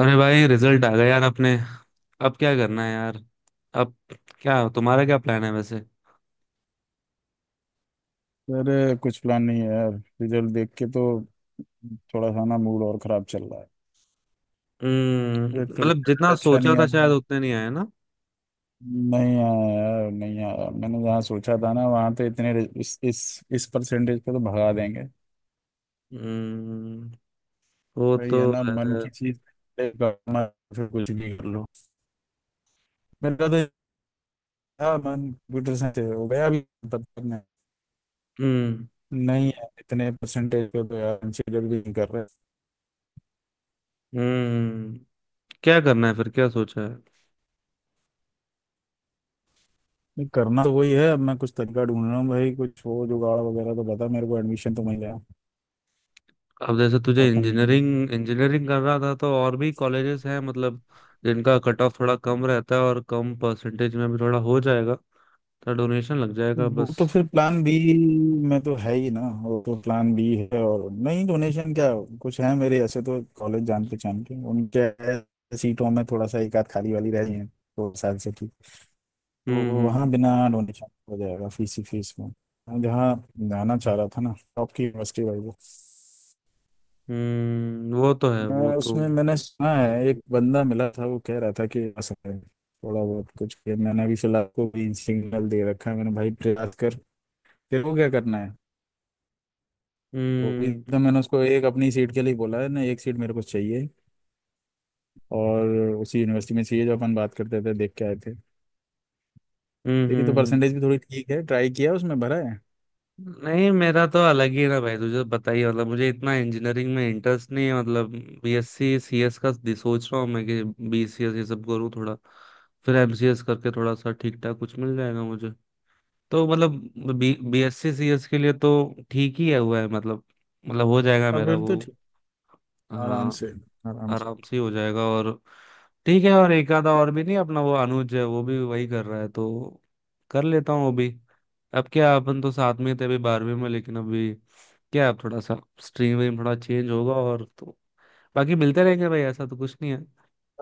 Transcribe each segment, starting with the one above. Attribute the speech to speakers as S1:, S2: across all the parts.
S1: अरे भाई, रिजल्ट आ गया यार अपने। अब क्या करना है यार। अब क्या तुम्हारा क्या प्लान है वैसे।
S2: अरे कुछ प्लान नहीं है यार। रिजल्ट देख के तो थोड़ा सा ना मूड और खराब चल रहा
S1: हम्म।
S2: है। एक तो
S1: मतलब
S2: रिजल्ट
S1: जितना
S2: अच्छा
S1: सोचा
S2: नहीं
S1: था
S2: आया,
S1: शायद उतने नहीं आए ना।
S2: नहीं आया यार, नहीं आया। मैंने जहाँ सोचा था ना वहाँ तो इतने रि- इस परसेंटेज पे तो भगा देंगे।
S1: हम्म। वो
S2: भाई
S1: तो
S2: है ना मन
S1: है।
S2: की चीज करना, फिर कुछ भी कर लो। मेरा तो था मन कंप्यूटर साइंस से, हो गया अभी तब तक नहीं।
S1: हम्म।
S2: नहीं है, इतने परसेंटेज पे तो यार कंसिडर भी नहीं कर रहे।
S1: हम्म। क्या करना है फिर, क्या सोचा है?
S2: नहीं, करना तो वही है। अब मैं कुछ तरीका ढूंढ रहा हूँ भाई, कुछ हो जुगाड़ वगैरह तो बता मेरे को, एडमिशन तो मिल जाए।
S1: अब जैसे तुझे
S2: अपन
S1: इंजीनियरिंग, इंजीनियरिंग कर रहा था तो और भी कॉलेजेस हैं, मतलब जिनका कट ऑफ थोड़ा कम रहता है और कम परसेंटेज में भी थोड़ा हो जाएगा। तो डोनेशन लग जाएगा
S2: वो
S1: बस।
S2: तो फिर प्लान बी में तो है ही ना, वो तो प्लान बी है। और नहीं डोनेशन क्या कुछ है मेरे, ऐसे तो कॉलेज जान पहचान के उनके है, सीटों में थोड़ा सा एक आध खाली वाली रह रही है तो शायद से ठीक, तो
S1: हम्म।
S2: वहाँ
S1: हम्म।
S2: बिना डोनेशन हो जाएगा, फीस ही फीस में। मैं जहाँ जाना चाह रहा था ना टॉप की यूनिवर्सिटी भाई, वो
S1: वो तो है वो
S2: मैं
S1: तो।
S2: उसमें मैंने सुना है एक बंदा मिला था, वो कह रहा था कि आ सकता है, थोड़ा बहुत कुछ किया। मैंने अभी फिलहाल को भी सिग्नल दे रखा है, मैंने भाई प्रयास कर। तेरे को क्या करना है? वो भी
S1: हम्म।
S2: तो मैंने उसको एक अपनी सीट के लिए बोला है ना, एक सीट मेरे को चाहिए। और उसी यूनिवर्सिटी में चाहिए जो अपन बात करते थे, देख के आए थे।
S1: हम्म।
S2: तेरी तो
S1: हम्म।
S2: परसेंटेज भी थोड़ी ठीक है, ट्राई किया उसमें, भरा है।
S1: नहीं, मेरा तो अलग ही है ना भाई, तुझे बताइए मतलब मुझे इतना इंजीनियरिंग में इंटरेस्ट नहीं है मतलब। बीएससी सीएस का सोच रहा हूँ मैं कि बीसीएस ये सब करूँ थोड़ा। फिर एमसीएस करके थोड़ा सा ठीक ठाक कुछ मिल जाएगा मुझे। तो मतलब बी बीएससी सीएस के लिए तो ठीक ही है, हुआ है मतलब। मतलब हो जाएगा
S2: अब
S1: मेरा
S2: फिर
S1: वो।
S2: तो ठीक। आराम
S1: हाँ।
S2: से। आराम से।
S1: आराम से ही हो जाएगा। और ठीक है, और एक आधा और भी नहीं अपना वो अनुज है, वो भी वही कर रहा है तो कर लेता हूँ वो भी। अब क्या, अपन तो साथ में थे अभी 12वीं में, लेकिन अभी क्या अब थोड़ा सा स्ट्रीम वीम थोड़ा चेंज होगा और तो बाकी मिलते रहेंगे भाई, ऐसा तो कुछ नहीं है।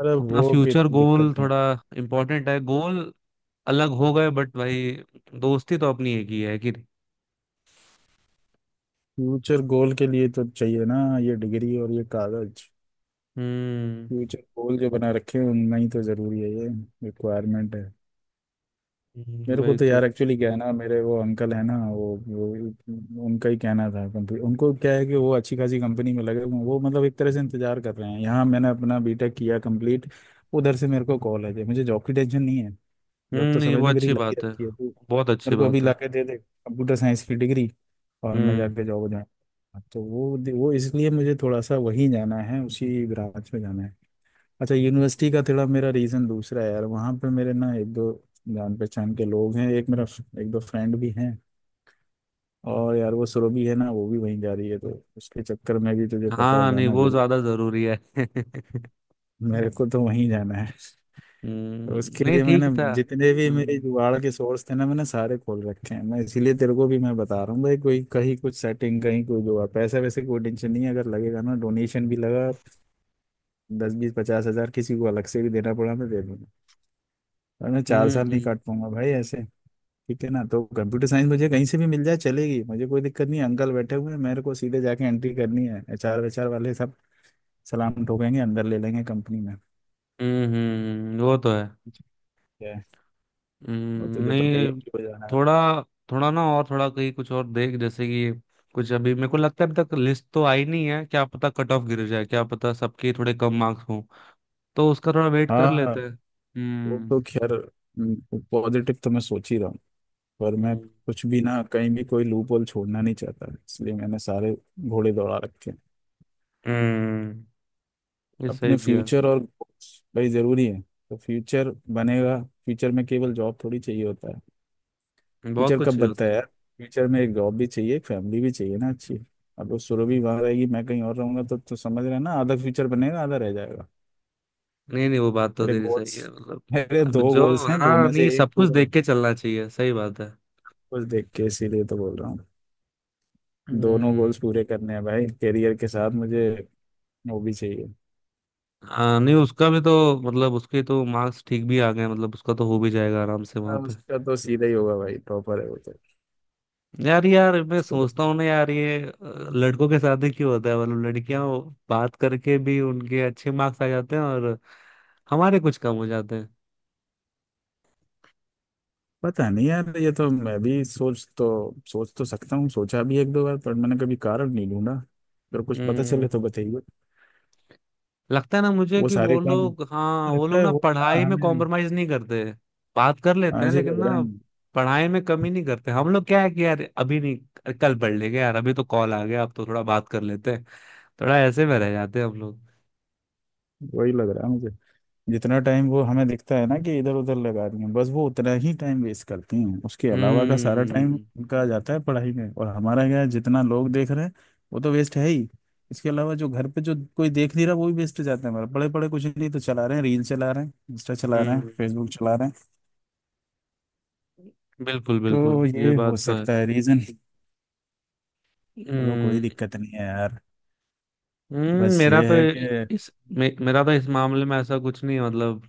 S2: अरे
S1: अपना
S2: वो की
S1: फ्यूचर
S2: दिक्कत
S1: गोल
S2: नहीं है।
S1: थोड़ा इम्पोर्टेंट है। गोल अलग हो गए बट भाई, दोस्ती तो अपनी एक ही है, कि नहीं?
S2: फ्यूचर गोल के लिए तो चाहिए ना ये डिग्री और ये कागज।
S1: हम्म।
S2: फ्यूचर गोल जो बना रखे हैं उनमें ही तो जरूरी है ये रिक्वायरमेंट है। मेरे को
S1: वही
S2: तो
S1: तो।
S2: यार एक्चुअली क्या है ना, मेरे वो अंकल है ना वो उनका ही कहना था। कंपनी उनको क्या है कि वो अच्छी खासी कंपनी में लगे हुए हैं। वो मतलब एक तरह से इंतजार कर रहे हैं, यहाँ मैंने अपना बीटेक किया कंप्लीट, उधर से मेरे को कॉल है। मुझे जॉब की टेंशन नहीं है। जॉब
S1: हम्म,
S2: तो
S1: नहीं
S2: समझ
S1: वो
S2: ले मेरी
S1: अच्छी
S2: लगी
S1: बात है।
S2: रखी है। तू
S1: बहुत अच्छी
S2: मेरे को अभी
S1: बात
S2: ला
S1: है।
S2: के दे दे कंप्यूटर साइंस की डिग्री, और मैं
S1: हम्म।
S2: जाके जॉब हो जाऊँ। तो वो इसलिए मुझे थोड़ा सा वहीं जाना है, उसी ब्रांच में जाना है। अच्छा यूनिवर्सिटी का थोड़ा मेरा रीज़न दूसरा है यार, वहाँ पे मेरे ना एक दो जान पहचान के लोग हैं, एक मेरा एक दो फ्रेंड भी हैं। और यार वो सुरभि है ना, वो भी वहीं जा रही है, तो उसके चक्कर में भी तुझे पता है
S1: हाँ नहीं,
S2: जाना
S1: वो
S2: जरूर।
S1: ज्यादा जरूरी है। हम्म,
S2: मेरे को तो वहीं जाना है। तो उसके
S1: नहीं
S2: लिए
S1: ठीक
S2: मैंने
S1: था।
S2: जितने भी मेरे
S1: हम्म।
S2: जुगाड़ के सोर्स थे ना मैंने सारे खोल रखे हैं। मैं इसीलिए तेरे को भी मैं बता रहा हूँ भाई, कोई कहीं कुछ सेटिंग कहीं कोई जुगाड़ पैसा वैसे कोई टेंशन नहीं है। अगर लगेगा ना डोनेशन भी, लगा दस बीस 50,000 किसी को अलग से भी देना पड़ा, मैं दे दूंगा। और मैं 4 साल नहीं
S1: हम्म।
S2: काट पाऊंगा भाई ऐसे, ठीक है ना। तो कंप्यूटर साइंस मुझे कहीं से भी मिल जाए चलेगी, मुझे कोई दिक्कत नहीं है। अंकल बैठे हुए हैं, मेरे को सीधे जाके एंट्री करनी है, एचआर वेचआर वाले सब सलाम ठोकेंगे, अंदर ले लेंगे कंपनी में।
S1: हम्म। वो तो है।
S2: ठीक है। और तुझे पता ही है
S1: नहीं
S2: क्यों जाना है।
S1: थोड़ा थोड़ा ना, और थोड़ा कहीं कुछ और देख जैसे कि कुछ। अभी मेरे को लगता है अभी तक लिस्ट तो आई नहीं है, क्या पता कट ऑफ गिर जाए, क्या पता सबके थोड़े कम मार्क्स हों। तो उसका थोड़ा वेट कर
S2: हाँ,
S1: लेते हैं।
S2: वो
S1: हम्म।
S2: तो खैर पॉजिटिव तो मैं सोच ही रहा हूँ, पर मैं
S1: हम्म।
S2: कुछ भी ना कहीं भी कोई लूप होल छोड़ना नहीं चाहता, इसलिए मैंने सारे घोड़े दौड़ा रखे हैं।
S1: हम्म, ये
S2: अपने
S1: सही किया।
S2: फ्यूचर और भाई जरूरी है, तो फ्यूचर बनेगा। फ्यूचर में केवल जॉब थोड़ी चाहिए होता है।
S1: बहुत
S2: फ्यूचर
S1: कुछ
S2: कब
S1: ये
S2: बनता
S1: होता
S2: है
S1: है।
S2: यार, फ्यूचर में एक जॉब भी चाहिए, एक फैमिली भी चाहिए ना अच्छी। अब वो सुरभि वहां रहेगी मैं कहीं और रहूंगा, तो समझ रहे हैं ना, आधा फ्यूचर बनेगा आधा रह जाएगा।
S1: नहीं नहीं, वो बात तो
S2: मेरे
S1: तेरी सही
S2: गोल्स,
S1: है मतलब।
S2: मेरे
S1: अब
S2: दो
S1: जो,
S2: गोल्स हैं, दो
S1: हाँ
S2: में से
S1: नहीं,
S2: एक
S1: सब कुछ
S2: पूरा
S1: देख के
S2: होगा,
S1: चलना चाहिए, सही बात है।
S2: कुछ देख के इसीलिए तो बोल रहा हूँ। दोनों
S1: हम्म।
S2: गोल्स पूरे करने हैं भाई, करियर के साथ मुझे वो भी चाहिए।
S1: हाँ नहीं, उसका भी तो, मतलब उसके तो मार्क्स ठीक भी आ गए, मतलब उसका तो हो भी जाएगा आराम से वहां
S2: हाँ
S1: पे।
S2: उसका तो सीधा ही होगा भाई, टॉपर है वो तो।
S1: यार यार, मैं
S2: उसको तो
S1: सोचता हूँ ना यार ये लड़कों के साथ ही क्यों होता है? मतलब लड़कियां बात करके भी उनके अच्छे मार्क्स आ जाते हैं, और हमारे कुछ कम हो जाते हैं।
S2: पता नहीं यार, ये तो मैं भी सोच तो सकता हूँ, सोचा भी एक दो बार, पर मैंने कभी कारण नहीं ढूंढा। अगर कुछ पता चले तो
S1: हम्म।
S2: बताइए।
S1: लगता है ना मुझे
S2: वो
S1: कि वो
S2: सारे काम
S1: लोग, हाँ वो
S2: लगता
S1: लोग
S2: है
S1: ना
S2: वो,
S1: पढ़ाई
S2: हाँ
S1: में
S2: हमें,
S1: कॉम्प्रोमाइज नहीं करते, बात कर लेते
S2: हाँ,
S1: हैं
S2: ऐसे ही
S1: लेकिन
S2: लग रहा है
S1: ना
S2: हमें।
S1: पढ़ाई में कमी नहीं करते। हम लोग क्या है कि यार, अभी नहीं कल पढ़ लेंगे यार, अभी तो कॉल आ गया, अब तो थोड़ा बात कर लेते हैं। थोड़ा ऐसे में रह जाते हैं हम लोग।
S2: वही लग रहा है मुझे। जितना टाइम वो हमें दिखता है ना कि इधर उधर लगा रही हैं बस, वो उतना ही टाइम वेस्ट करती हैं, उसके अलावा का सारा टाइम
S1: हम्म।
S2: उनका जाता है पढ़ाई में। और हमारा क्या है, जितना लोग देख रहे हैं वो तो वेस्ट है ही, इसके अलावा जो घर पे जो कोई देख नहीं रहा वो भी वेस्ट जाता है हमारा। पड़े पड़े कुछ नहीं तो चला रहे हैं, रील चला रहे हैं, इंस्टा चला रहे हैं,
S1: हम्म,
S2: फेसबुक चला रहे हैं।
S1: बिल्कुल
S2: तो
S1: बिल्कुल, ये
S2: ये
S1: बात
S2: हो
S1: तो है।
S2: सकता है रीजन। चलो
S1: हम्म।
S2: कोई दिक्कत नहीं है यार,
S1: हम्म।
S2: बस
S1: मेरा
S2: ये
S1: तो
S2: है कि,
S1: मेरा तो इस मामले में ऐसा कुछ नहीं है, मतलब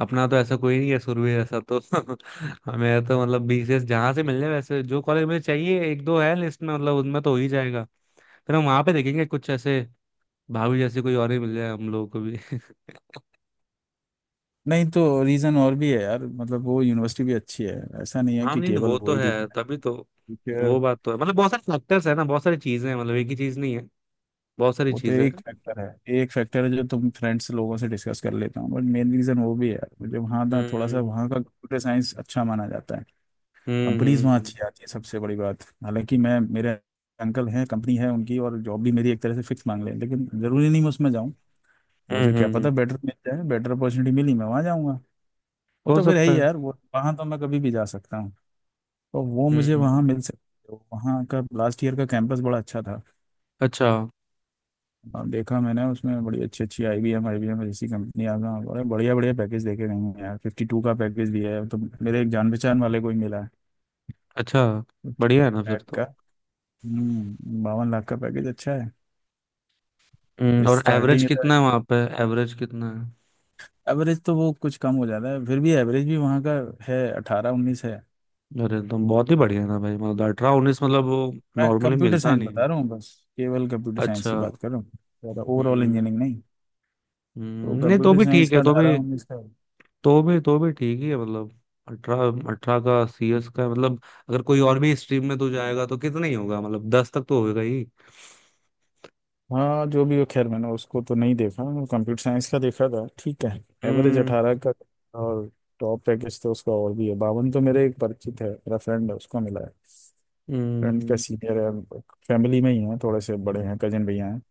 S1: अपना तो ऐसा कोई नहीं है, सुरभि ऐसा तो। मेरा तो मतलब बीसीएस जहां से मिल जाए, वैसे जो कॉलेज मुझे चाहिए एक दो है लिस्ट में, मतलब उनमें तो हो ही जाएगा। फिर हम वहां पे देखेंगे कुछ ऐसे, भाभी जैसे कोई और ही मिल जाए हम लोगों को भी।
S2: नहीं तो रीज़न और भी है यार, मतलब वो यूनिवर्सिटी भी अच्छी है। ऐसा नहीं है
S1: हाँ
S2: कि
S1: नहीं
S2: केवल
S1: वो तो
S2: वही दी
S1: है, तभी तो, वो
S2: है।
S1: बात तो है मतलब, बहुत सारे फैक्टर्स है ना, बहुत सारी चीजें हैं, मतलब एक ही चीज नहीं है, बहुत सारी
S2: वो तो
S1: चीजें
S2: एक
S1: हैं।
S2: फैक्टर है, एक फैक्टर है जो तुम फ्रेंड्स लोगों से डिस्कस कर लेता हूँ, बट मेन रीज़न वो भी है यार, मुझे वहाँ ना थोड़ा सा,
S1: हम्म।
S2: वहाँ का कंप्यूटर साइंस अच्छा माना जाता है।
S1: हम्म।
S2: कंपनीज वहाँ
S1: हम्म।
S2: अच्छी आती है सबसे बड़ी बात। हालांकि मैं मेरे अंकल हैं कंपनी है उनकी और जॉब भी मेरी एक तरह से फिक्स मांग ले, लेकिन ज़रूरी नहीं मैं उसमें जाऊँ।
S1: हम्म।
S2: मुझे क्या पता बेटर मिल जाए, बेटर अपॉर्चुनिटी मिली मैं वहाँ जाऊँगा। वो
S1: हो
S2: तो फिर है
S1: सकता
S2: ही
S1: है।
S2: यार, वो वहाँ तो मैं कभी भी जा सकता। तो वो मुझे वहाँ
S1: हम्म,
S2: मिल सकती है। वहाँ का लास्ट ईयर का कैंपस बड़ा अच्छा था।
S1: अच्छा।
S2: और देखा मैंने उसमें, बड़ी अच्छी अच्छी आई बी एम जैसी कंपनियाँ का बड़े बढ़िया बढ़िया पैकेज देखे गए हैं यार। फिफ्टी टू का पैकेज भी है, तो मेरे एक जान पहचान वाले को ही मिला है।
S1: अच्छा,
S2: 50
S1: बढ़िया है ना फिर
S2: लाख का।
S1: तो।
S2: 52 लाख का पैकेज अच्छा है।
S1: हम्म, और
S2: स्टार्टिंग
S1: एवरेज
S2: है तो।
S1: कितना है वहां पे? एवरेज कितना है?
S2: एवरेज तो वो कुछ कम हो जाता है, फिर भी एवरेज भी वहाँ का है 18-19 है।
S1: अरे एकदम बहुत ही बढ़िया था भाई, मतलब 18-19, मतलब वो
S2: मैं
S1: नॉर्मली
S2: कंप्यूटर
S1: मिलता
S2: साइंस
S1: नहीं
S2: बता
S1: है।
S2: रहा हूँ बस, केवल कंप्यूटर साइंस
S1: अच्छा।
S2: की बात कर रहा हूँ, ज़्यादा ओवरऑल
S1: हम्म।
S2: इंजीनियरिंग नहीं। तो
S1: नहीं तो
S2: कंप्यूटर
S1: भी
S2: साइंस
S1: ठीक
S2: का
S1: है, तो
S2: अठारह
S1: भी
S2: उन्नीस का।
S1: तो भी, तो भी ठीक ही है मतलब। अठारह अठारह का सीएस का मतलब, अगर कोई और भी स्ट्रीम में तो जाएगा तो कितना ही होगा? मतलब 10 तक तो होगा ही।
S2: हाँ जो भी हो खैर, मैंने उसको तो नहीं देखा, कंप्यूटर साइंस का देखा था, ठीक है। एवरेज
S1: हम्म।
S2: अठारह का। और टॉप पैकेज तो उसका और भी है बावन, तो मेरे एक परिचित है, मेरा फ्रेंड है उसको मिला है। फ्रेंड का
S1: हम्म।
S2: सीनियर है, फैमिली में ही है, थोड़े से बड़े हैं, कजन भैया हैं।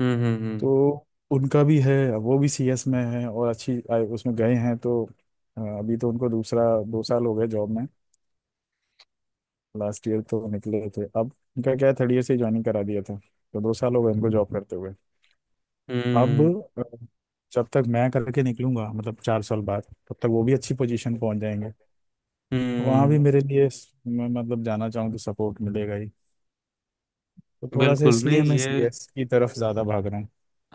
S1: हम्म। हम्म।
S2: तो उनका भी है। अब वो भी सीएस में है और अच्छी उसमें गए हैं तो अभी तो उनको दूसरा 2 साल हो गए जॉब में। लास्ट ईयर तो निकले थे। अब उनका क्या है थर्ड ईयर से ज्वाइनिंग करा दिया था, तो 2 साल हो गए उनको जॉब करते हुए। अब
S1: हम्म।
S2: अ, जब तक मैं करके निकलूंगा, मतलब 4 साल बाद, तब तक वो भी अच्छी पोजीशन पहुंच जाएंगे।
S1: हम्म,
S2: वहां भी
S1: हम्म,
S2: मेरे लिए मैं मतलब जाना चाहूँ तो सपोर्ट मिलेगा ही। तो थोड़ा सा
S1: बिल्कुल नहीं
S2: इसलिए मैं
S1: ये।
S2: सीएस की तरफ ज्यादा भाग रहा हूँ।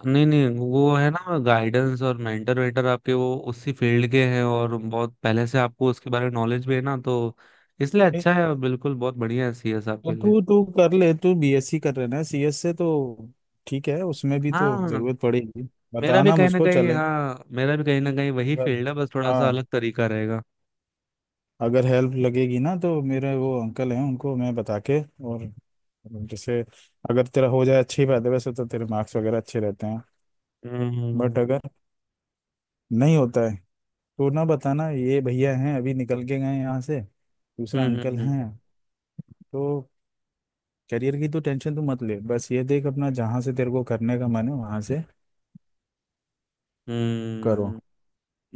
S1: नहीं नहीं, वो है ना गाइडेंस और मेंटर वेंटर आपके, वो उसी फील्ड के हैं और बहुत पहले से आपको उसके बारे में नॉलेज भी है ना, तो इसलिए
S2: ए,
S1: अच्छा है और बिल्कुल बहुत बढ़िया है सीएस
S2: तो
S1: आपके लिए।
S2: तू तू कर ले। तू बीएससी कर रहे ना सीएस से, तो ठीक है, उसमें भी तो
S1: हाँ
S2: जरूरत पड़ेगी।
S1: मेरा भी
S2: बताना
S1: कहीं ना
S2: मुझको,
S1: कहीं,
S2: चले
S1: हाँ मेरा भी कहीं ना कहीं वही
S2: अगर-
S1: फील्ड है, बस थोड़ा सा
S2: हाँ
S1: अलग तरीका रहेगा।
S2: अगर हेल्प लगेगी ना तो मेरे वो अंकल हैं उनको मैं बता के, और जैसे अगर तेरा हो जाए अच्छी बात है, वैसे तो तेरे मार्क्स वगैरह अच्छे रहते हैं,
S1: हम्म।
S2: बट अगर नहीं होता है तो ना बताना, ये भैया हैं अभी निकल के गए यहाँ से दूसरा
S1: हम्म।
S2: अंकल
S1: हम्म।
S2: हैं। तो करियर की तो टेंशन तू मत ले, बस ये देख अपना, जहाँ से तेरे को करने का मन है वहाँ से करो।
S1: हम्म।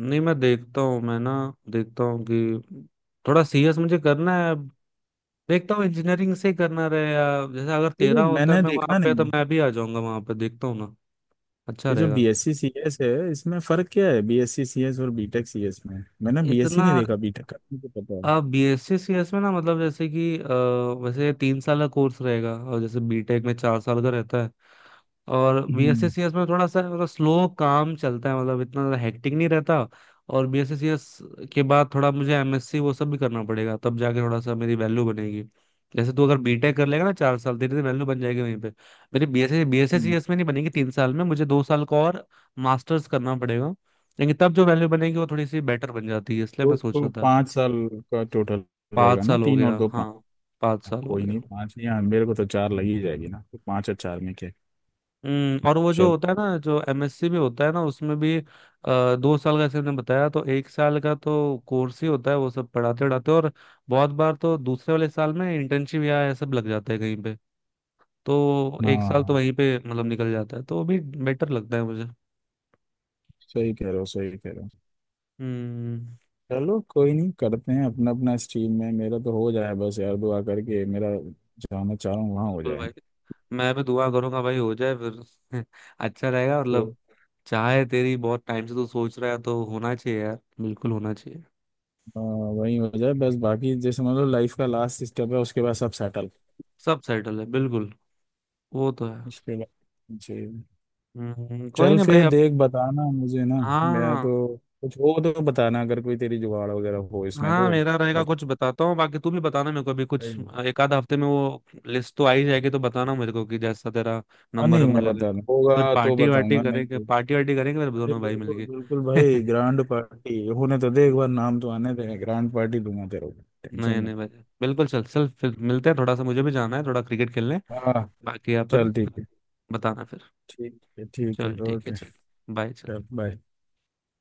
S1: नहीं मैं देखता हूँ, मैं ना देखता हूँ कि थोड़ा सीएस मुझे करना है अब, देखता हूँ इंजीनियरिंग से करना रहे, या जैसे अगर
S2: अरे
S1: तेरा होता है
S2: मैंने
S1: मैं वहां
S2: देखा
S1: पे तो
S2: नहीं,
S1: मैं भी आ जाऊंगा वहां पे, देखता हूँ ना। अच्छा
S2: ये जो
S1: रहेगा,
S2: बी
S1: ठीक
S2: एस सी सी एस है, इसमें फर्क क्या है B S C C S और बी टेक सी एस में? मैंने
S1: है
S2: बी एस सी
S1: इतना।
S2: नहीं देखा, बी टेक का मुझे पता है।
S1: अब बीएससी सीएस में ना, मतलब जैसे कि वैसे 3 साल का कोर्स रहेगा, और जैसे बीटेक में 4 साल का रहता है। और बीएससी
S2: हम्म,
S1: सीएस में थोड़ा सा मतलब स्लो काम चलता है, मतलब इतना ज़्यादा हेक्टिक नहीं रहता। और बीएससी सीएस के बाद थोड़ा मुझे एमएससी वो सब भी करना पड़ेगा, तब जाके थोड़ा सा मेरी वैल्यू बनेगी। जैसे तू अगर बीटेक कर लेगा ना 4 साल, तेरी तो वैल्यू बन जाएगी वहीं पे। मेरी बीएससी बीएससी
S2: हम्म।
S1: सीएस में नहीं बनेगी 3 साल में, मुझे 2 साल का और मास्टर्स करना पड़ेगा। लेकिन तब जो वैल्यू बनेगी वो थोड़ी सी बेटर बन जाती है, इसलिए मैं
S2: तो,
S1: सोच रहा
S2: तो
S1: था।
S2: 5 साल का टोटल
S1: पाँच
S2: रहेगा ना,
S1: साल हो
S2: तीन
S1: गया,
S2: और दो पाँच।
S1: हाँ। 5 साल हो
S2: कोई
S1: गया।
S2: नहीं पाँच नहीं, हाँ, मेरे को तो चार लग ही जाएगी ना, तो पाँच और चार में क्या है?
S1: हम्म, और वो जो
S2: चल।
S1: होता है ना, जो एमएससी में होता है ना, उसमें भी 2 साल का जैसे हमने बताया, तो 1 साल का तो कोर्स ही होता है वो सब, पढ़ाते पढ़ाते, और बहुत बार तो दूसरे वाले साल में इंटर्नशिप या ये सब लग जाता है कहीं पे। तो 1 साल तो
S2: हाँ
S1: वहीं पे मतलब निकल जाता है, तो वो भी बेटर लगता है मुझे।
S2: सही कह रहे हो, सही कह रहे हो।
S1: हम्म।
S2: चलो कोई नहीं, करते हैं अपना अपना स्ट्रीम में, मेरा तो हो जाए बस यार दुआ करके, मेरा जाना चाह रहा हूँ वहाँ, हो
S1: बिल्कुल
S2: जाए
S1: भाई, मैं भी दुआ करूंगा भाई हो जाए फिर। अच्छा रहेगा
S2: तो।
S1: मतलब। चाहे तेरी बहुत टाइम से तू सोच रहा है तो होना चाहिए यार, बिल्कुल होना चाहिए।
S2: वही हो जाए बस, बाकी जैसे मतलब लाइफ का लास्ट स्टेप है, उसके बाद सब सेटल।
S1: सब सेटल है बिल्कुल। वो तो है।
S2: उसके बाद जी।
S1: कोई
S2: चल
S1: नहीं भाई
S2: फिर,
S1: अब।
S2: देख बताना मुझे ना। मैं
S1: हाँ।
S2: तो, कुछ हो तो बताना, अगर कोई तेरी जुगाड़ वगैरह हो इसमें
S1: हाँ
S2: तो।
S1: मेरा रहेगा,
S2: बाकी
S1: कुछ बताता हूँ, बाकी तू भी बताना, मेरे को भी कुछ एक आध हफ्ते में वो लिस्ट तो आ ही जाएगी, तो बताना मेरे को कि जैसा तेरा
S2: हाँ
S1: नंबर
S2: नहीं,
S1: नंबर
S2: मैं
S1: लगे तो।
S2: बताना
S1: फिर
S2: होगा तो
S1: पार्टी वार्टी
S2: बताऊंगा, नहीं
S1: करेंगे,
S2: तो।
S1: पार्टी वार्टी करेंगे फिर
S2: अरे
S1: दोनों भाई
S2: बिल्कुल
S1: मिलके।
S2: बिल्कुल भाई, ग्रैंड पार्टी होने तो दे, एक बार नाम तो आने दे, ग्रैंड पार्टी दूंगा तेरे को, टेंशन
S1: नहीं
S2: मत।
S1: नहीं भाई, बिल्कुल। चल चल, फिर मिलते हैं, थोड़ा सा मुझे भी जाना है, थोड़ा क्रिकेट खेलने।
S2: हाँ।
S1: बाकी यहाँ पर
S2: चल ठीक है,
S1: बताना फिर।
S2: ठीक है, ठीक है,
S1: चल ठीक है।
S2: ओके।
S1: चल, बाय। चल।
S2: चल बाय।